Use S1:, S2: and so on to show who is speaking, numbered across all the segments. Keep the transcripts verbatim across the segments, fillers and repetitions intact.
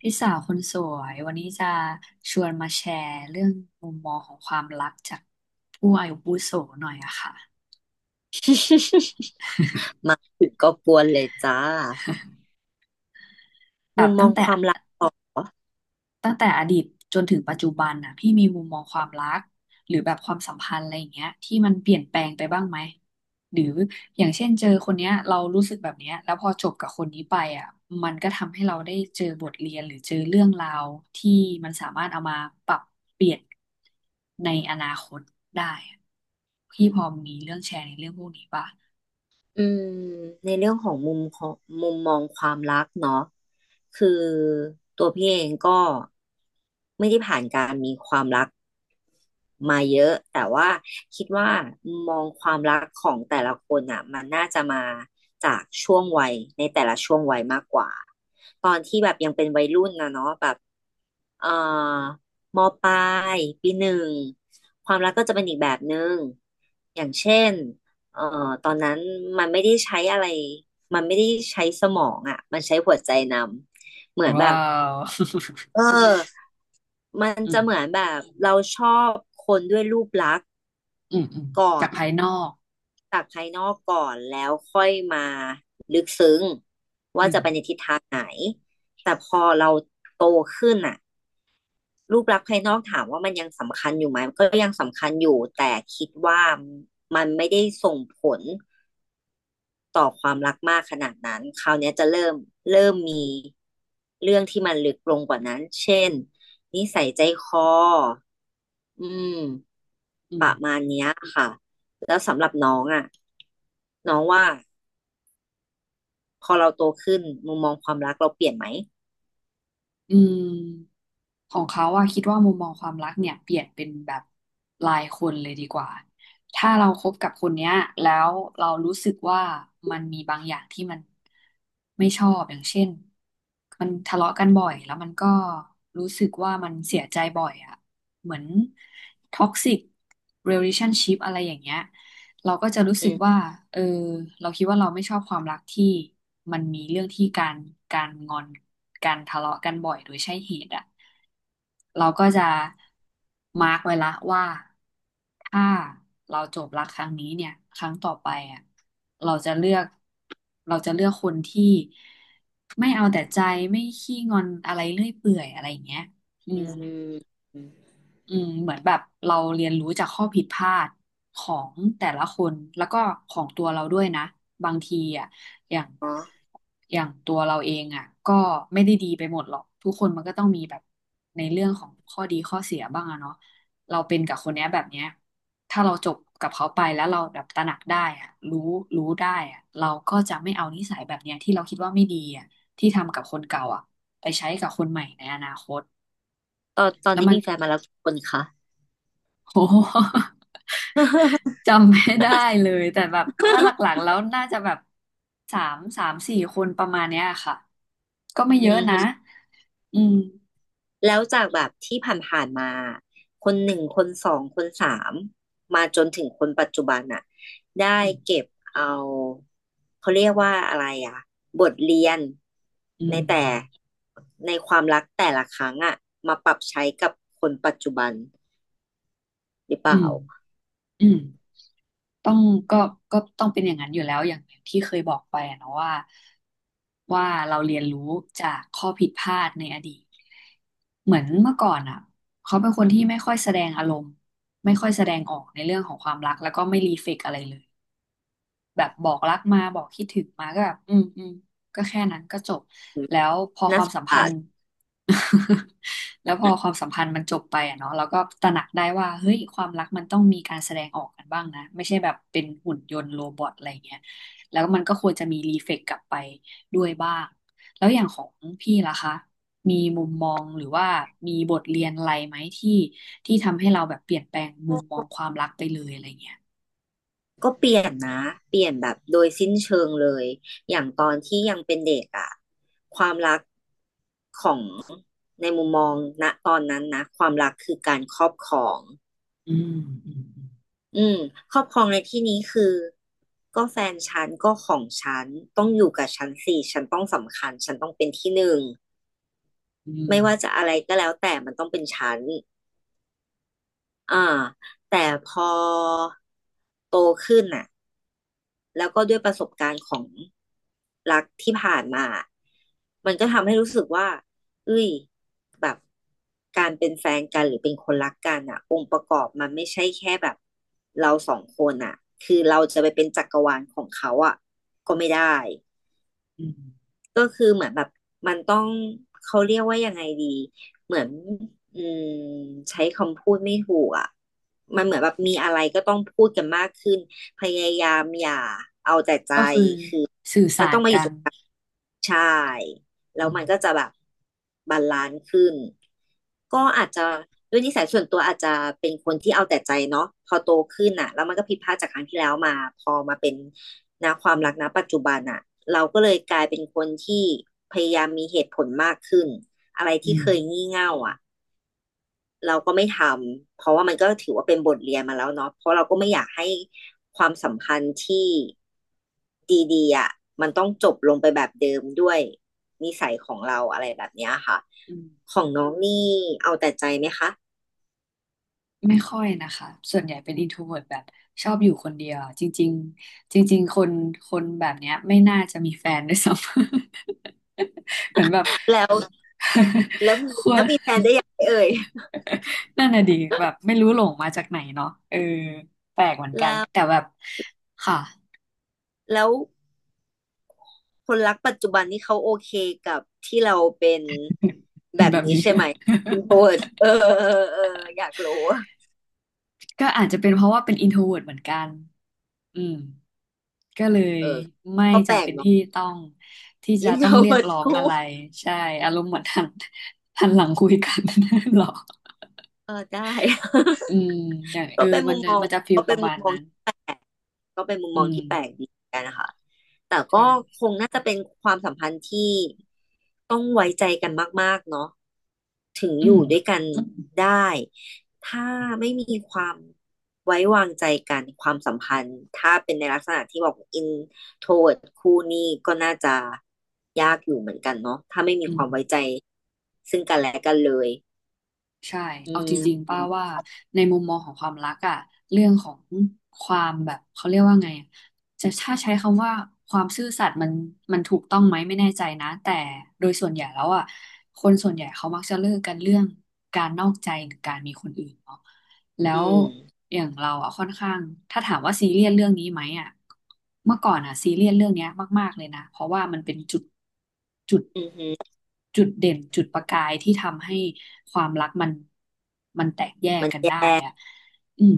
S1: พี่สาวคนสวยวันนี้จะชวนมาแชร์เรื่องมุมมองของความรักจากผู้อายุวุโสหน่อยอะค่ะ
S2: มาถึงก็กวนเลยจ้า
S1: แบ
S2: มุ
S1: บ
S2: มม
S1: ตั้
S2: อ
S1: ง
S2: ง
S1: แต่
S2: ความรักต่อ
S1: ตั้งแต่อดีตจนถึงปัจจุบันน่ะพี่มีมุมมองความรักหรือแบบความสัมพันธ์อะไรอย่างเงี้ยที่มันเปลี่ยนแปลงไปบ้างไหมหรืออย่างเช่นเจอคนเนี้ยเรารู้สึกแบบเนี้ยแล้วพอจบกับคนนี้ไปอ่ะมันก็ทำให้เราได้เจอบทเรียนหรือเจอเรื่องราวที่มันสามารถเอามาปรับเปลี่ยนในอนาคตได้อะพี่พอมีเรื่องแชร์ในเรื่องพวกนี้ป่ะ
S2: อืมในเรื่องของมุมของมุมมองความรักเนาะคือตัวพี่เองก็ไม่ได้ผ่านการมีความรักมาเยอะแต่ว่าคิดว่ามุมมองความรักของแต่ละคนอ่ะมันน่าจะมาจากช่วงวัยในแต่ละช่วงวัยมากกว่าตอนที่แบบยังเป็นวัยรุ่นนะเนาะแบบเอ่อมปลายปีหนึ่งความรักก็จะเป็นอีกแบบหนึ่งอย่างเช่น เอ่อตอนนั้นมันไม่ได้ใช้อะไรมันไม่ได้ใช้สมองอ่ะมันใช้หัวใจนำเหมือนแบ
S1: ว้า
S2: บ
S1: ว
S2: เออมัน
S1: อื
S2: จะ
S1: ม
S2: เหมือนแบบเราชอบคนด้วยรูปลักษณ์
S1: อืมอืมจากภายนอก
S2: จากภายนอกก่อนแล้วค่อยมาลึกซึ้งว่า
S1: อืม
S2: จะไปในทิศทางไหนแต่พอเราโตขึ้นอ่ะรูปลักษณ์ภายนอกถามว่ามันยังสำคัญอยู่ไหมมันก็ยังสำคัญอยู่แต่คิดว่ามันไม่ได้ส่งผล ต่อความรักมากขนาดนั้นคราวเนี้ยจะเริ่มเริ่มมีเรื่องที่มันลึกลงกว่านั้นเช่นนิสัยใจคออืม
S1: อื
S2: ป
S1: ม
S2: ระมาณเนี้ยค่ะแล้วสำหรับน้องอ่ะน้องว่าพอเราโตขึ้นมุมมองความรักเราเปลี่ยนไหม
S1: อืมของเขาอะคิดว่ามุมมองความรักเนี่ยเปลี่ยนเป็นแบบรายคนเลยดีกว่าถ้าเราคบกับคนเนี้ยแล้วเรารู้สึกว่ามันมีบางอย่างที่มันไม่ชอบอย่างเช่นมันทะเลาะกันบ่อยแล้วมันก็รู้สึกว่ามันเสียใจบ่อยอะเหมือนท็อกซิกเรล t ชั่นชิพอะไรอย่างเงี้ย เราก็จะรู้
S2: อื
S1: สึกว่า
S2: ม
S1: เออเราคิดว่าเราไม่ชอบความรักที่มันมีเรื่องที่การการงอนการทะเลาะกันบ่อยโดยใช่เหตุอ่ะเราก็จะมาร์กไว้ละว่า ถ้าเราจบรักครั้งนี้เนี่ยครั้งต่อไปอ่ะเราจะเลือกเราจะเลือกคนที่ไม่เอาแต่ใจไม่ขี้งอนอะไรเรื่อยเปื่อยอะไรอย่างเงี้ยอื
S2: อื
S1: ม
S2: ม
S1: อืมเหมือนแบบเราเรียนรู้จากข้อผิดพลาดของแต่ละคนแล้วก็ของตัวเราด้วยนะบางทีอ่ะอย่าง
S2: อ๋อ
S1: อย่างตัวเราเองอ่ะก็ไม่ได้ดีไปหมดหรอกทุกคนมันก็ต้องมีแบบในเรื่องของข้อดีข้อเสียบ้างอะเนาะเราเป็นกับคนเนี้ยแบบเนี้ยถ้าเราจบกับเขาไปแล้วเราแบบตระหนักได้อ่ะรู้รู้ได้อ่ะเราก็จะไม่เอานิสัยแบบเนี้ยที่เราคิดว่าไม่ดีอ่ะที่ทำกับคนเก่าอ่ะไปใช้กับคนใหม่ในอนาคต
S2: ตอนตอน
S1: แล้ว
S2: นี้
S1: มัน
S2: มีแฟนมาแล้วกี่คนคะ
S1: โอ้โห จำไม่ได้เลยแต่แบบถ้าหลักๆแล้วน่าจะแบบสามสามสี่คนประมาณเนี้ยค่ะก็ไม่เย
S2: อื
S1: อะนะ
S2: ม
S1: อืม
S2: แล้วจากแบบที่ผ่านๆมาคนหนึ่งคนสองคนสามมาจนถึงคนปัจจุบันอ่ะได้
S1: อืม
S2: เก็บเอาเขาเรียกว่าอะไรอ่ะบทเรียน
S1: อื
S2: ใน
S1: ม
S2: แต่ในความรักแต่ละครั้งอ่ะมาปรับใช้กับคนปัจจุบันหรือเป
S1: อื
S2: ล่า
S1: มอืมต้องก็ก็ต้องเป็นอย่างนั้นอยู่แล้วอย่างที่เคยบอกไปอะเนาะว่าว่าเราเรียนรู้จากข้อผิดพลาดในอดีตเหมือนเมื่อก่อนอ่ะเขาเป็นคนที่ไม่ค่อยแสดงอารมณ์ไม่ค่อยแสดงออกในเรื่องของความรักแล้วก็ไม่รีเฟกอะไรเลย แบบบอกรักมาบอกคิดถึงมาก็แบบอืมอืมก็แค่นั้นก็จบแล้วพอความสัมพันธ์
S2: อ่า
S1: แล้วพอความสัมพันธ์มันจบไปอะเนาะเราก็ตระหนักได้ว่าเฮ้ยความรักมันต้องมีการแสดงออกกันบ้างนะไม่ใช่แบบเป็นหุ่นยนต์โรบอทอะไรเงี้ยแล้วมันก็ควรจะมีรีเฟกกลับไปด้วยบ้างแล้วอย่างของพี่ล่ะคะมีมุมมองหรือว่ามีบทเรียนอะไรไหมที่ที่ทำให้เราแบบเปลี่ยนแปลงมุมมองความรักไปเลยอะไรเงี้ย
S2: ก็เปลี่ยนนะเปลี่ยนแบบโดยสิ้นเชิงเลยอย่างตอนที่ยังเป็นเด็กอะความรักของในมุมมองณตอนนั้นนะความรักคือการครอบครอง
S1: อืมอืม
S2: อืมครอบครองในที่นี้คือก็แฟนฉันก็ของฉันต้องอยู่กับฉันสิฉันต้องสำคัญฉันต้องเป็นที่หนึ่ง
S1: อืม
S2: ไม่ว่าจะอะไรก็แล้วแต่มันต้องเป็นฉันอ่าแต่พอโตขึ้นอ่ะ แล้วก็ด้วยประสบการณ์ของรักที่ผ่านมา มันก็ทำให้รู้สึกว่าเอ้ยแบบการเป็นแฟนกันหรือเป็นคนรักกันอ่ะองค์ประกอบมันไม่ใช่แค่แบบเราสองคนอ่ะคือเราจะไปเป็นจักรวาลของเขาอ่ะก็ไม่ได้
S1: อืม
S2: ก็คือเหมือนแบบมันต้องเขาเรียกว่ายังไงดีเหมือนอืมใช้คำพูดไม่ถูกอ่ะมันเหมือนแบบมีอะไรก็ต้องพูดกันมากขึ้นพยายามอย่า
S1: ก็คือสื่อสารกัน
S2: ใช่แล้
S1: อื
S2: ว
S1: ม
S2: มันก็จะแบบบาลานซ์ขึ้นก็อาจจะด้วยนิสัยส่วนตัวอาจจะเป็นคนที่เอาแต่ใจเนาะพอโตขึ้นอ่ะแล้วมันก็ผิดพลาดจากครั้งที่แล้วมาพอมาเป็นนะความรักนะปัจจุบันอ่ะเราก็เลยกลายเป็นคนที่พยายามมีเหตุผลมากขึ้นอะไร
S1: อื
S2: ที่
S1: ม
S2: เคยงี่เง่าอ่ะ เราก็ไม่ทำเพราะว่ามันก็ถือว่าเป็นบทเรียนมาแล้วเนาะเพราะเราก็ไม่อยากให้ความสัมพันธ์ที่ดีๆอ่ะมันต้องจบลงไปแบบเดิมด้วยนิสัยของเราอะไรแบบเนี้ยค่ะ
S1: อืม
S2: ของน้องนี่เอาแต่ใจไหมคะ
S1: ไม่ค่อยนะคะส่วนใหญ่เป็น introvert แบบชอบอยู่คนเดียวจริงๆจริงๆคนคนแบบเนี้ยไม่น่าจะมีแฟนด้วยซ้ำ เหมือนแบบ
S2: แล้วแล้ว
S1: คว
S2: แล้ว
S1: ร
S2: มีแฟนได้ยังไงเอ่ย
S1: นั่นน่ะดิแบบไม่รู้หลงมาจากไหนเนาะเออแปลกเหมือนกัน
S2: แล้ว
S1: แต่แบบค่ะ
S2: แล้วคนรักปัจจุบันนี่เขาโอเคกับที่เราเป็น แบ
S1: เป็น
S2: บ
S1: แบบ
S2: นี้
S1: นี้
S2: ใช่ไหมอินโทรเวิเออเออเอออยากรู้
S1: ก็อาจจะเป็นเพราะว่าเป็น introvert เหมือนกันอืมก็เลยไม่
S2: ก็แปล
S1: จำ
S2: ก
S1: เป็น
S2: เนาะ
S1: ที่ต้องที่จะ
S2: อินโท
S1: ต้อง
S2: ร
S1: เรียกร้อง
S2: เคู่
S1: อะไรใช่อารมณ์เหมือนหัน หันหลังคุยกัน หรอ
S2: เออได้
S1: อืมอ ย่างเอ
S2: ก็
S1: อ
S2: เป็น
S1: มั
S2: มุ
S1: น
S2: มมอง
S1: มันจะฟีล
S2: ก็
S1: ป
S2: เป็น
S1: ระ
S2: มุ
S1: มา
S2: ม
S1: ณ
S2: มอง
S1: นั้น
S2: ที่แปลกก็เป็นมุม
S1: อื
S2: มอง
S1: ม
S2: ที่แปลกดีเหมือนกันนะคะแต่ก็
S1: ใช่
S2: คงน่าจะเป็นความสัมพันธ์ที่ต้องไว้ใจกันมากๆเนาะถึง
S1: อื
S2: อ
S1: ม
S2: ยู่ด้วยกันได้ถ้าไม่มีความไว้วางใจกันความสัมพันธ์ถ้าเป็นในลักษณะที่บอก introvert คู่นี้ก็น่าจะยากอยู่เหมือนกันเนาะถ้าไม่มี
S1: อื
S2: ค
S1: ม
S2: วามไว้ใจซึ่งกันและกันเลย
S1: ใช่
S2: อื
S1: เอาจริ
S2: ม
S1: งๆป้าว่าในมุมมองของความรักอะเรื่องของความแบบเขาเรียกว่าไงอะจะถ้าใช้คำว่าความซื่อสัตย์มันมันถูกต้องไหมไม่แน่ใจนะแต่โดยส่วนใหญ่แล้วอะคนส่วนใหญ่เขามักจะเลิกกันเรื่องการนอกใจหรือการมีคนอื่นเนาะ แล้
S2: อื
S1: ว
S2: ม
S1: อย่างเราอ่ะค่อนข้างถ้าถามว่าซีเรียสเรื่องนี้ไหมอ่ะเมื่อก่อนอ่ะซีเรียสเรื่องเนี้ยมากๆเลยนะเพราะว่ามันเป็นจุดจุด
S2: อือหือ
S1: จุดเด่นจุดประกายที่ทำให้ความรักมันมันแตกแยก
S2: มัน
S1: กัน
S2: เจ็บ
S1: ได้อ่ะอืม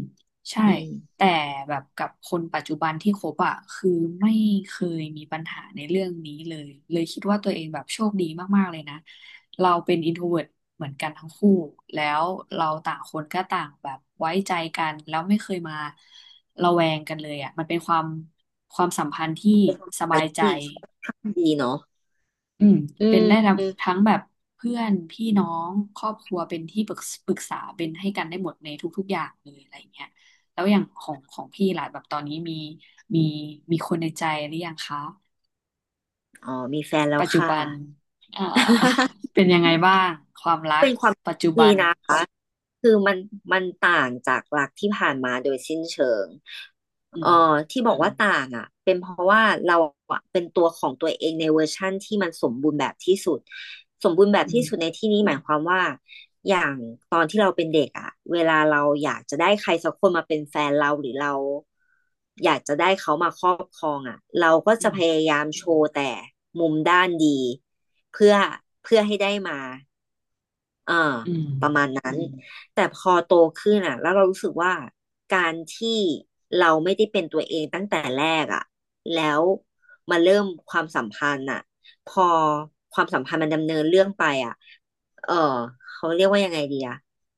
S1: ใช่
S2: อืม
S1: แต่แบบกับคนปัจจุบันที่คบอ่ะคือไม่เคยมีปัญหาในเรื่องนี้เลยเลยคิดว่าตัวเองแบบโชคดีมากๆเลยนะเราเป็นอินโทรเวิร์เหมือนกันทั้งคู่แล้วเราต่างคนก็ต่างแบบไว้ใจกันแล้วไม่เคยมาระแวงกันเลยอ่ะมันเป็นความความสัมพันธ์ที่ส
S2: อั
S1: บา
S2: น
S1: ยใจ
S2: ที่ดีเนาะ
S1: อืม
S2: อื
S1: เป็นได้
S2: ม
S1: ทั้งทั้งแบบเพื่อนพี่น้องครอบครัวเป็นที่ปรึกปรึกษาเป็นให้กันได้หมดในทุกๆอย่างเลยอะไรอย่างเงี้ยแล้วอย่างของของพี่ล่ะแบบตอนนี้มีมีมีคนในใจหรือยังคะ
S2: อ๋อ มีแฟนแล้ว
S1: ปัจจุ
S2: ค่ะ
S1: บันเอ่อ เป็นยังไงบ้างความรัก
S2: เป็นความ
S1: ปัจจุ
S2: ดี
S1: บัน
S2: นะคะ คือมันมันต่างจากหลักที่ผ่านมาโดยสิ้นเชิง
S1: อืม
S2: เอ่อที่บอกว่าต่างอ่ะเป็นเพราะว่าเราอะเป็นตัวของตัวเองในเวอร์ชั่นที่มันสมบูรณ์แบบที่สุดสมบูรณ์แบบ
S1: อืม
S2: ที่สุดในที่นี้หมายความว่าอย่างตอนที่เราเป็นเด็กอ่ะเวลาเราอยากจะได้ใครสักคนมาเป็นแฟนเราหรือเราอยากจะได้เขามาครอบครองอ่ะเราก็
S1: อื
S2: จะพ
S1: ม
S2: ยายามโชว์แต่มุมด้านดีเพื่อเพื่อให้ได้มา อ่า
S1: อืม
S2: ประมาณนั้นอืนมแต่พอโตขึ้นอ่ะแล้วเรารู้สึกว่าการที่เราไม่ได้เป็นตัวเองตั้งแต่แรกอ่ะแล้วมาเริ่มความสัมพันธ์อ่ะพอความสัมพันธ์มันดำเนินเรื่องไปอ่ะเออเขาเรียกว่ายังไงดีอ่ะ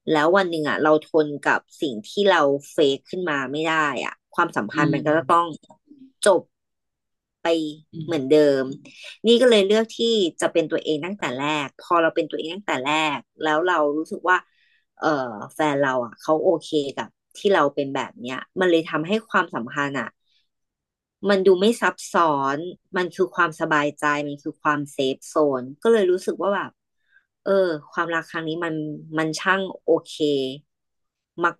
S2: แล้ววันหนึ่งอ่ะเราทนกับสิ่งที่เราเฟกขึ้นมาไม่ได้อ่ะความสัม
S1: อื
S2: พันธ์มันก็จะต้อง
S1: ม
S2: จบ
S1: อื
S2: เหมือน
S1: ม
S2: เดิมนี่ก็เลยเลือกที่จะเป็นตัวเองตั้งแต่แรก พอเราเป็นตัวเองตั้งแต่แรกแล้วเรารู้สึกว่าเออแฟนเราอ่ะเขาโอเคกับที่เราเป็นแบบเนี้ยมันเลยทำให้ความสัมพันธ์อ่ะมันดูไม่ซับซ้อนมันคือความสบายใจมันคือความเซฟโซนก็เลยรู้สึกว่าแบบเออความรักครั้งนี้มันมันช่างโอเค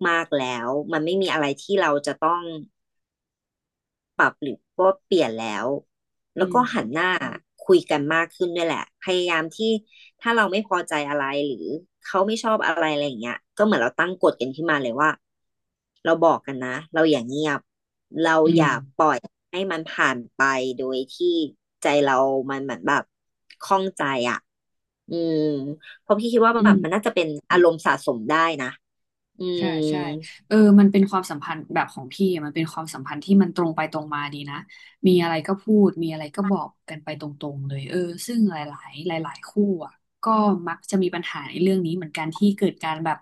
S2: มากๆแล้วมันไม่มีอะไรที่เราจะต้อง ปรับหรือว่าเปลี่ยนแล้ว
S1: อื
S2: แล้ว
S1: ม
S2: ก็หันหน้าคุยกันมากขึ้นด้วยแหละพยายามที่ถ้าเราไม่พอใจอะไรหรือเขาไม่ชอบอะไรอะไรอย่างเงี้ยก็เหมือนเราตั้งกฎกันขึ้นมาเลยว่าเราบอกกันนะเราอย่าเงียบเรา
S1: อื
S2: อ
S1: ม
S2: ย่าปล่อยให้มันผ่านไปโดยที่ใจเรามันเหมือนแบบข้องใจอ่ะอืมเพราะพี่คิดว่า
S1: อื
S2: แบ
S1: ม
S2: บมันน่าจะเป็นอารมณ์นะอื
S1: ใช่
S2: ม
S1: ใช่เออมันเป็นความสัมพันธ์แบบของพี่อะมันเป็นความสัมพันธ์ที่มันตรงไปตรงมาดีนะมีอะไรก็พูดมีอะไรก็บอกกันไปตรงๆเลยเออซึ่งหลายๆหลายๆคู่อ่ะก็มักจะมีปัญหาในเรื่องนี้เหมือนกันที่เกิดการแบบ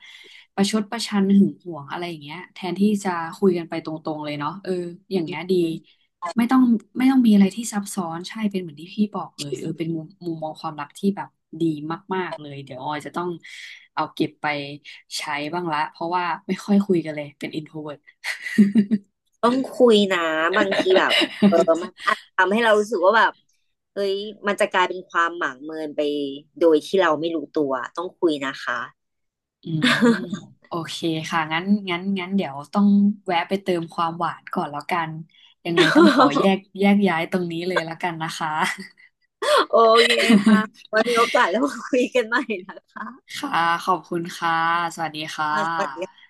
S1: ประชดประชันหึงหวงอะไรอย่างเงี้ยแทนที่จะคุยกันไปตรงๆเลยเนาะเอออย่างเงี้ยดี ไม่ต้องไม่ต้องมีอะไรที่ซับซ้อนใช่เป็นเหมือนที่พี่บอกเลยเออเป็นมุมมุมมองความรักที่แบบดีมากๆเลยเดี๋ยวออยจะต้องเอาเก็บไปใช้บ้างละเพราะว่าไม่ค่อยคุยกันเลยเป็น introvert
S2: ต้องคุยนะบางทีแบบเออมันอาจจะทำให้เรารู้สึกว่าแบบเฮ้ยมันจะกลายเป็นความหมางเมินไปโดยที่เราไม่รู้ตัวต้องคุยนะคะ
S1: อืมโอเคค่ะงั้นงั้นงั้นเดี๋ยวต้องแวะไปเติมความหวานก่อนแล้วกันยังไงต้องขอแย กแยกย้ายตรงนี้เลยแล้วกันนะคะ
S2: โอเคค่ะไว้มีโอกาสแล้วมาคุยกันใหม่นะคะ
S1: ค่ะขอบคุณค่ะสวัสดีค่ะ